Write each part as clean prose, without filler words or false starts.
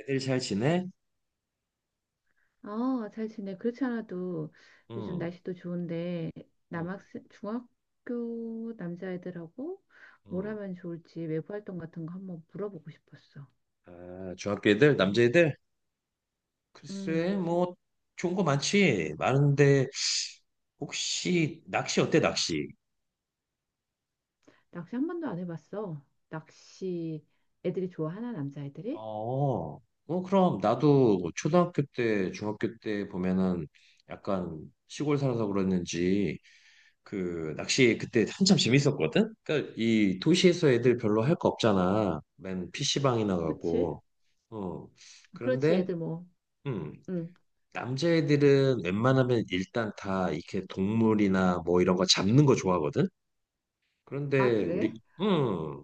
애들 잘 지내? 어, 잘 지내. 그렇지 않아도 요즘 응, 날씨도 좋은데 응, 남학생, 중학교 남자애들하고 뭘 응. 하면 좋을지 외부 활동 같은 거 한번 물어보고 싶었어. 아, 중학교 애들, 남자애들? 글쎄, 음, 뭐, 좋은 거 많지. 많은데, 혹시, 낚시 어때, 낚시? 낚시 한 번도 안 해봤어. 낚시 애들이 좋아하나, 남자애들이? 어, 어, 그럼, 나도 초등학교 때, 중학교 때 보면은, 약간, 시골 살아서 그랬는지, 그, 낚시 그때 한참 재밌었거든? 그니까, 이 도시에서 애들 별로 할 거 없잖아. 맨 PC방이나 그치? 가고, 어. 그렇지, 그런데, 애들 뭐. 음, 음. 남자애들은 웬만하면 일단 다 이렇게 동물이나 뭐 이런 거 잡는 거 좋아하거든? 아, 그런데 우리, 그래? 음,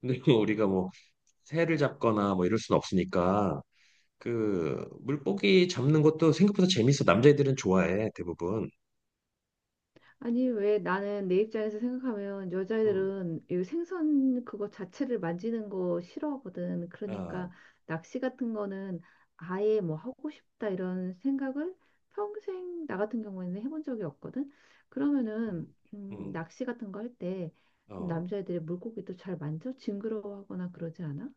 근데 우리가 뭐 새를 잡거나 뭐 이럴 순 없으니까 그 물고기 잡는 것도 생각보다 재밌어. 남자애들은 좋아해, 대부분. 아니, 왜 나는 내 입장에서 생각하면 음, 여자애들은 이 생선 그거 자체를 만지는 거 싫어하거든. 아, 그러니까 낚시 같은 거는 아예 뭐 하고 싶다 이런 생각을 평생 나 같은 경우에는 해본 적이 없거든. 그러면은 음, 음, 낚시 같은 거 할 때 그럼 어. 남자애들이 물고기도 잘 만져? 징그러워하거나 그러지 않아?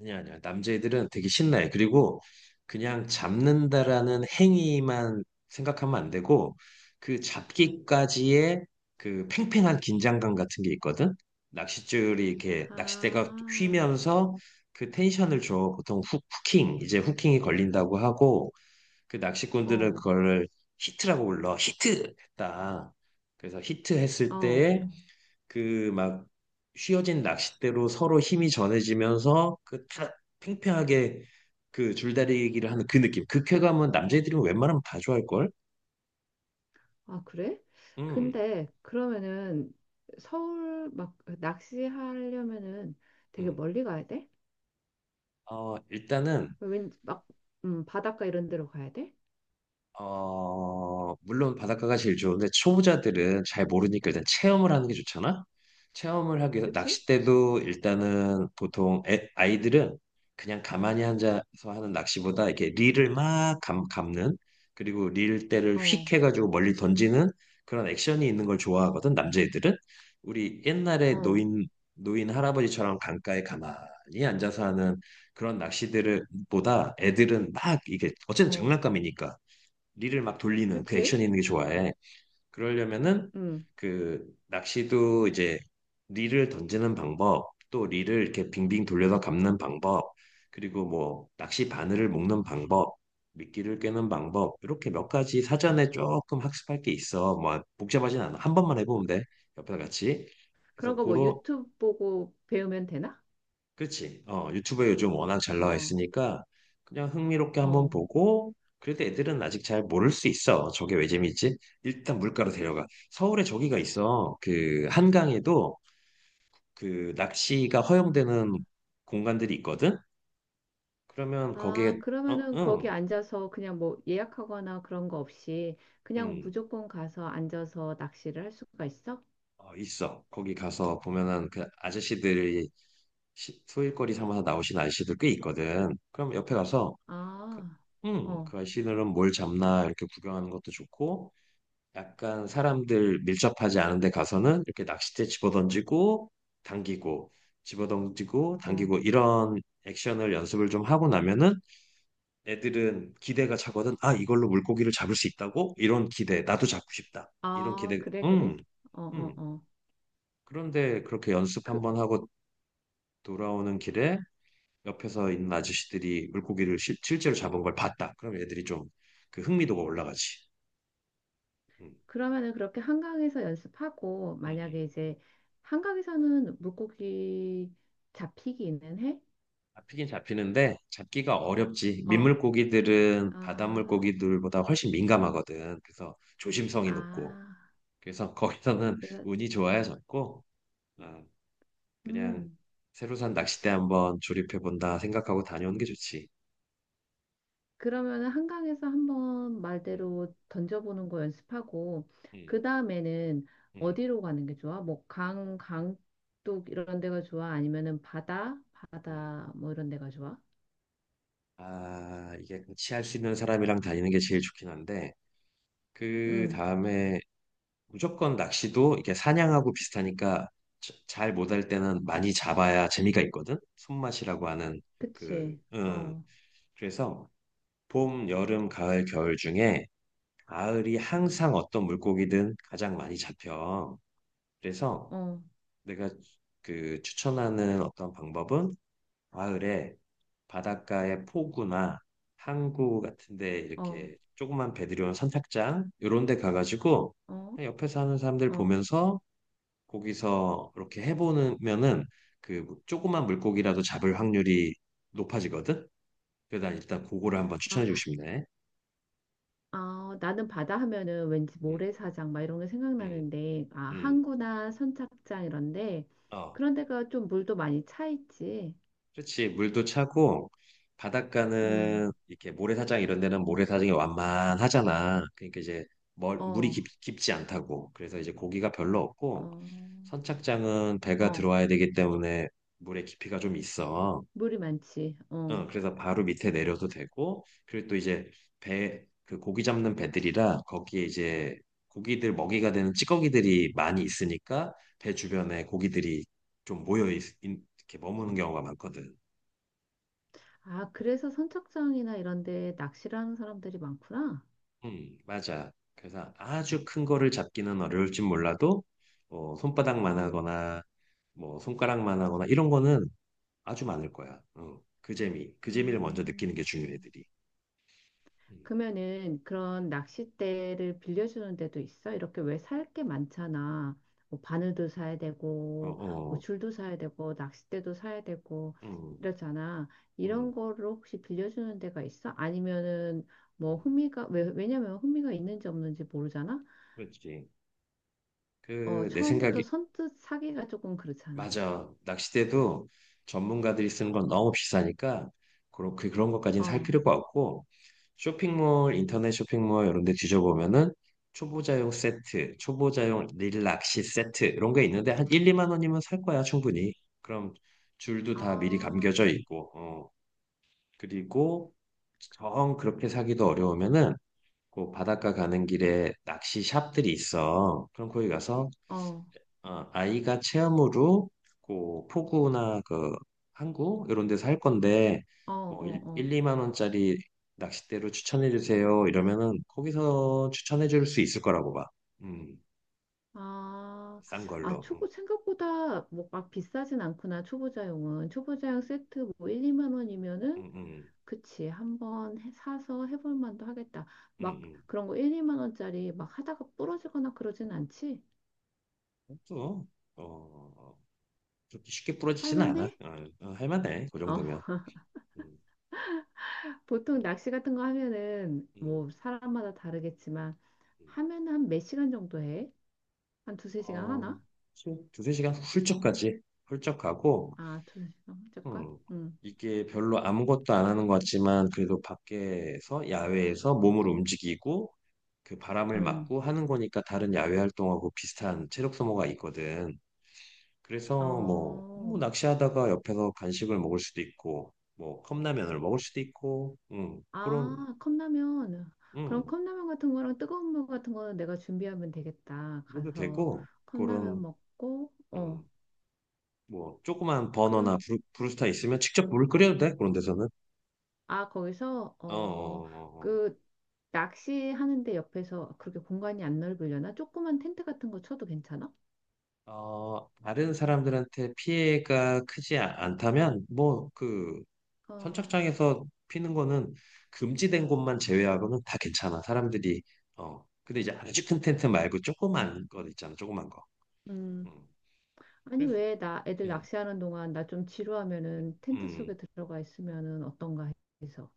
아니야, 아니야. 남자애들은 되게 신나해. 그리고 그냥 잡는다라는 행위만 생각하면 안 되고, 그 잡기까지의 그 팽팽한 긴장감 같은 게 있거든? 낚싯줄이 이렇게, 낚싯대가 아, 휘면서 그 텐션을 줘. 보통 후, 킹 이제 후킹이 걸린다고 하고, 그 낚시꾼들은 어, 그걸 히트라고 불러. 히트! 했다. 그래서 히트 했을 어. 때에 그 막 휘어진 낚싯대로 서로 힘이 전해지면서 그 팽팽하게 그 줄다리기를 하는 그 느낌. 그 쾌감은 남자애들이 웬만하면 다 좋아할걸? 아, 그래? 음, 근데 그러면은 서울 막 낚시하려면은 되게 음. 멀리 가야 돼? 어, 일단은 왠 막, 바닷가 이런 데로 가야 돼? 어, 물론 바닷가가 제일 좋은데 초보자들은 잘 모르니까 일단 체험을 하는 게 좋잖아. 체험을 하기 위해서 그치? 낚싯대도 일단은 보통 아이들은 그냥 가만히 앉아서 하는 낚시보다 이렇게 릴을 막 감는 그리고 릴대를 어, 휙 해가지고 멀리 던지는 그런 액션이 있는 걸 좋아하거든 남자애들은 우리 옛날에 어, 노인 할아버지처럼 강가에 가만히 앉아서 하는 그런 낚시들을 보다 애들은 막 이게 어쨌든 어, 장난감이니까 릴을 막 돌리는 그 그치? 액션 있는 게 좋아해. 그러려면은 음, 그 낚시도 이제 릴을 던지는 방법, 또 릴을 이렇게 빙빙 돌려서 감는 방법, 그리고 뭐 낚시 바늘을 묶는 방법, 미끼를 꿰는 방법, 이렇게 몇 가지 사전에 조금 학습할 게 있어. 뭐 복잡하진 않아. 한 번만 해보면 돼. 옆에서 같이. 그래서 그런 거 뭐 고로 유튜브 보고 배우면 되나? 그지 어, 유튜브에 요즘 워낙 잘 나와 어, 있으니까 그냥 흥미롭게 한번 어. 보고 그래도 애들은 아직 잘 모를 수 있어. 저게 왜 재밌지? 일단 물가로 데려가. 서울에 저기가 있어. 그 한강에도 그 낚시가 허용되는 공간들이 있거든? 그러면 거기에 아, 어, 그러면은 거기 응, 앉아서 그냥 뭐 예약하거나 그런 거 없이 그냥 응, 무조건 가서 앉아서 낚시를 할 수가 있어? 어, 있어. 거기 가서 보면은 그 아저씨들이 소일거리 삼아서 나오신 아저씨들 꽤 있거든. 그럼 옆에 가서 그, 아, 응, 어, 그 아저씨들은 뭘 잡나 이렇게 구경하는 것도 좋고 약간 사람들 밀접하지 않은 데 가서는 이렇게 낚싯대 집어던지고 당기고 집어던지고 어. 당기고 이런 액션을 연습을 좀 하고 나면은 애들은 기대가 차거든. 아, 이걸로 물고기를 잡을 수 있다고? 이런 기대. 나도 잡고 싶다. 이런 아, 기대. 그래, 그래? 어, 어, 음. 어. 그런데 그렇게 연습 그, 한번 하고 돌아오는 길에 옆에서 있는 아저씨들이 물고기를 제로 잡은 걸 봤다. 그럼 애들이 좀 그 흥미도가 올라가지. 음, 그러면은 그렇게 한강에서 연습하고, 음, 만약에 음. 이제 한강에서는 물고기 잡히기는 해? 잡히긴 잡히는데 잡기가 어렵지. 어, 민물고기들은 바닷물 아, 고기들보다 훨씬 민감하거든. 그래서 조심성이 높고. 아. 그래서 거기서는 그래서, 운이 좋아야 잡고 아, 그냥 음. 새로 산 낚싯대 한번 조립해 본다 생각하고 다녀오는 게 좋지. 그러면은 한강에서 한번 음, 말대로 던져보는 거 연습하고, 음, 그 다음에는 음, 어디로 가는 게 좋아? 뭐, 강, 강둑 이런 데가 좋아? 아니면은 바다? 음. 바다, 뭐 이런 데가 좋아? 아, 이게 같이 할 수 있는 사람이랑 다니는 게 제일 좋긴 한데 그 응, 다음에 무조건 낚시도 이게 사냥하고 비슷하니까 잘 못할 때는 많이 잡아야 재미가 있거든. 손맛이라고 하는 그, 그치. 응. 어. 그래서 봄, 여름, 가을, 겨울 중에 가을이 항상 어떤 물고기든 가장 많이 잡혀. 그래서 어. 내가 그 추천하는 어떤 방법은 가을에 바닷가에 포구나 항구 같은데 어, 이렇게 조그만 배들이 온 선착장 이런 데 가가지고 어, 그냥 옆에서 하는 사람들 어. 보면서 거기서 이렇게 해보면은 그 조그만 물고기라도 잡을 확률이 높아지거든. 그래서 난 일단 그거를 한번 아, 추천해주고 싶네. 아, 나는 바다 하면은 왠지 음, 모래사장 막 이런 게 음, 생각나는데, 아, 음. 항구나 선착장 이런데, 어, 그런 데가 좀 물도 많이 차 있지. 그렇지. 물도 차고 음, 바닷가는 이렇게 모래사장 이런 데는 모래사장이 완만하잖아. 그러니까 이제 물이 어, 깊지 않다고. 그래서 이제 고기가 별로 어, 없고 선착장은 배가 어, 들어와야 되기 때문에 물의 깊이가 좀 있어. 물이 많지. 어. 어, 그래서 바로 밑에 내려도 되고, 그리고 또 이제 배, 그 고기 잡는 배들이라 거기에 이제 고기들 먹이가 되는 찌꺼기들이 많이 있으니까 배 주변에 고기들이 좀 모여 이렇게 머무는 경우가 많거든. 아, 그래서 선착장이나 이런 데 낚시를 하는 사람들이 많구나. 맞아. 그래서 아주 큰 거를 잡기는 어려울진 몰라도 뭐 손바닥만 어, 하거나 뭐 손가락만 하거나 이런 거는 아주 많을 거야. 어, 그 재미, 그 재미를 먼저 느끼는 음, 게 중요해, 음. 들이 그러면은 그런 낚싯대를 빌려주는 데도 있어? 이렇게 왜 살게 많잖아. 뭐 바늘도 사야 어, 되고, 뭐 어, 줄도 사야 되고, 낚싯대도 사야 되고, 음, 이러잖아. 이런 음, 거를 혹시 빌려주는 데가 있어? 아니면은 뭐 음. 흥미가, 왜, 왜냐면 흥미가 있는지 없는지 모르잖아. 그렇지. 어, 그, 내 처음부터 생각에, 선뜻 사기가 조금 그렇잖아. 맞아. 낚싯대도 전문가들이 쓰는 건 너무 비싸니까, 그런, 그, 그런 것까지는 살 어, 필요가 없고, 쇼핑몰, 인터넷 쇼핑몰 이런 데 뒤져보면은, 초보자용 세트, 초보자용 릴낚시 세트, 이런 게 있는데, 한 1, 2만 원이면 살 거야, 충분히. 그럼 줄도 다 미리 아, 감겨져 있고, 어. 그리고, 정 그렇게 사기도 어려우면은, 그 바닷가 가는 길에 낚시 샵들이 있어. 그럼 거기 가서 어, 어, 아, 아이가 체험으로 그 포구나 그 항구 이런 데서 할 건데 어, 뭐 1, 어. 2만 원짜리 낚싯대로 추천해 주세요. 이러면은 거기서 추천해 줄 수 있을 거라고 봐. 음, 아, 싼 아, 걸로. 초보 생각보다 뭐 막 비싸진 않구나. 초보자용은 초보자용 세트 뭐 1, 2만 원이면은 음, 음, 그치. 한번 사서 해볼 만도 하겠다. 음, 막 음. 그런 거 1, 2만 원짜리 막 하다가 부러지거나 그러진 않지? 음. 또 어, 그렇게 쉽게 할 부러지지는 않아. 만해? 어, 어, 할 만해. 그 어, 정도면. 음, 음, 보통 낚시 같은 거 하면은 음. 뭐 사람마다 다르겠지만 음. 하면 한 몇 시간 정도 해? 한 두세 시간 어, 하나? 두세 시간 훌쩍 가지. 훌쩍 가고 아, 두세 시간 잠깐. 음, 응. 이게 별로 아무것도 안 하는 것 같지만 그래도 밖에서 야외에서 몸을 움직이고 그 바람을 응. 맞고 하는 거니까 다른 야외 활동하고 비슷한 체력 소모가 있거든. 그래서 뭐, 뭐 어. 낚시하다가 옆에서 간식을 먹을 수도 있고 뭐 컵라면을 먹을 수도 있고 그런 아, 컵라면. 그럼 음, 컵라면 같은 거랑 뜨거운 물 같은 거는 내가 준비하면 되겠다. 그래도 가서 되고 컵라면 그런 먹고, 어, 음, 뭐 조그만 버너나 그런, 브루스타 있으면 직접 물을 끓여도 돼 그런 데서는. 아, 거기서, 어, 어, 어, 어, 어. 그, 낚시하는데 옆에서 그렇게 공간이 안 넓으려나? 조그만 텐트 같은 거 쳐도 괜찮아? 어, 다른 사람들한테 피해가 크지 않다면, 뭐, 그, 어, 선착장에서 피는 거는 금지된 곳만 제외하고는 다 괜찮아. 사람들이, 어, 근데 이제 아주 큰 텐트 말고 조그만 거 있잖아. 조그만 거. 음. 음. 아니, 그래서, 왜 나 애들 음, 낚시하는 동안 나 좀 지루하면은 텐트 음, 속에 들어가 있으면은 어떤가 해서.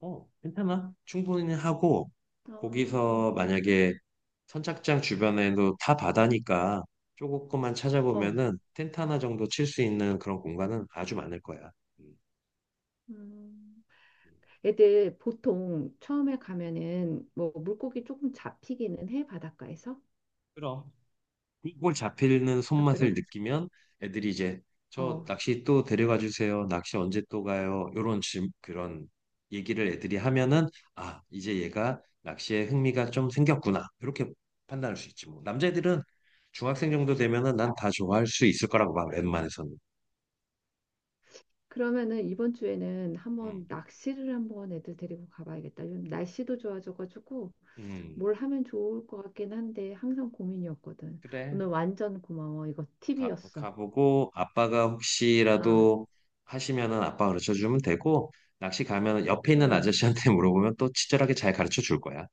어, 괜찮아. 충분히 하고, 어, 어, 거기서 어, 만약에 선착장 주변에도 다 바다니까 조금만 어. 찾아보면은 텐트 하나 정도 칠 수 있는 그런 공간은 아주 많을 거야. 음. 음. 음. 애들 보통 처음에 가면은 뭐 물고기 조금 잡히기는 해, 바닷가에서? 그럼. 꿀꿀 잡히는 아, 손맛을 그래? 느끼면 애들이 이제 저 어. 낚시 또 데려가 주세요. 낚시 언제 또 가요? 요런 질 그런 얘기를 애들이 하면은 아, 이제 얘가 낚시에 흥미가 좀 생겼구나. 이렇게 판단할 수 있지 뭐. 남자애들은 중학생 정도 되면은 난 다 좋아할 수 있을 거라고 봐. 웬만해서는. 그러면은 이번 주에는 음. 한번 낚시를 한번 애들 데리고 가봐야겠다. 요즘 날씨도 좋아져가지고 음. 뭘 하면 좋을 것 같긴 한데 항상 고민이었거든. 그래. 오늘 완전 고마워. 이거 가 팁이었어. 가보고 아빠가 아, 혹시라도 하시면은 아빠 가르쳐 주면 되고 낚시 가면은 옆에 있는 응. 아저씨한테 물어보면 또 친절하게 잘 가르쳐 줄 거야.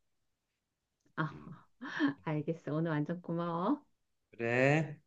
아, 음. 알겠어. 오늘 완전 고마워. 그래.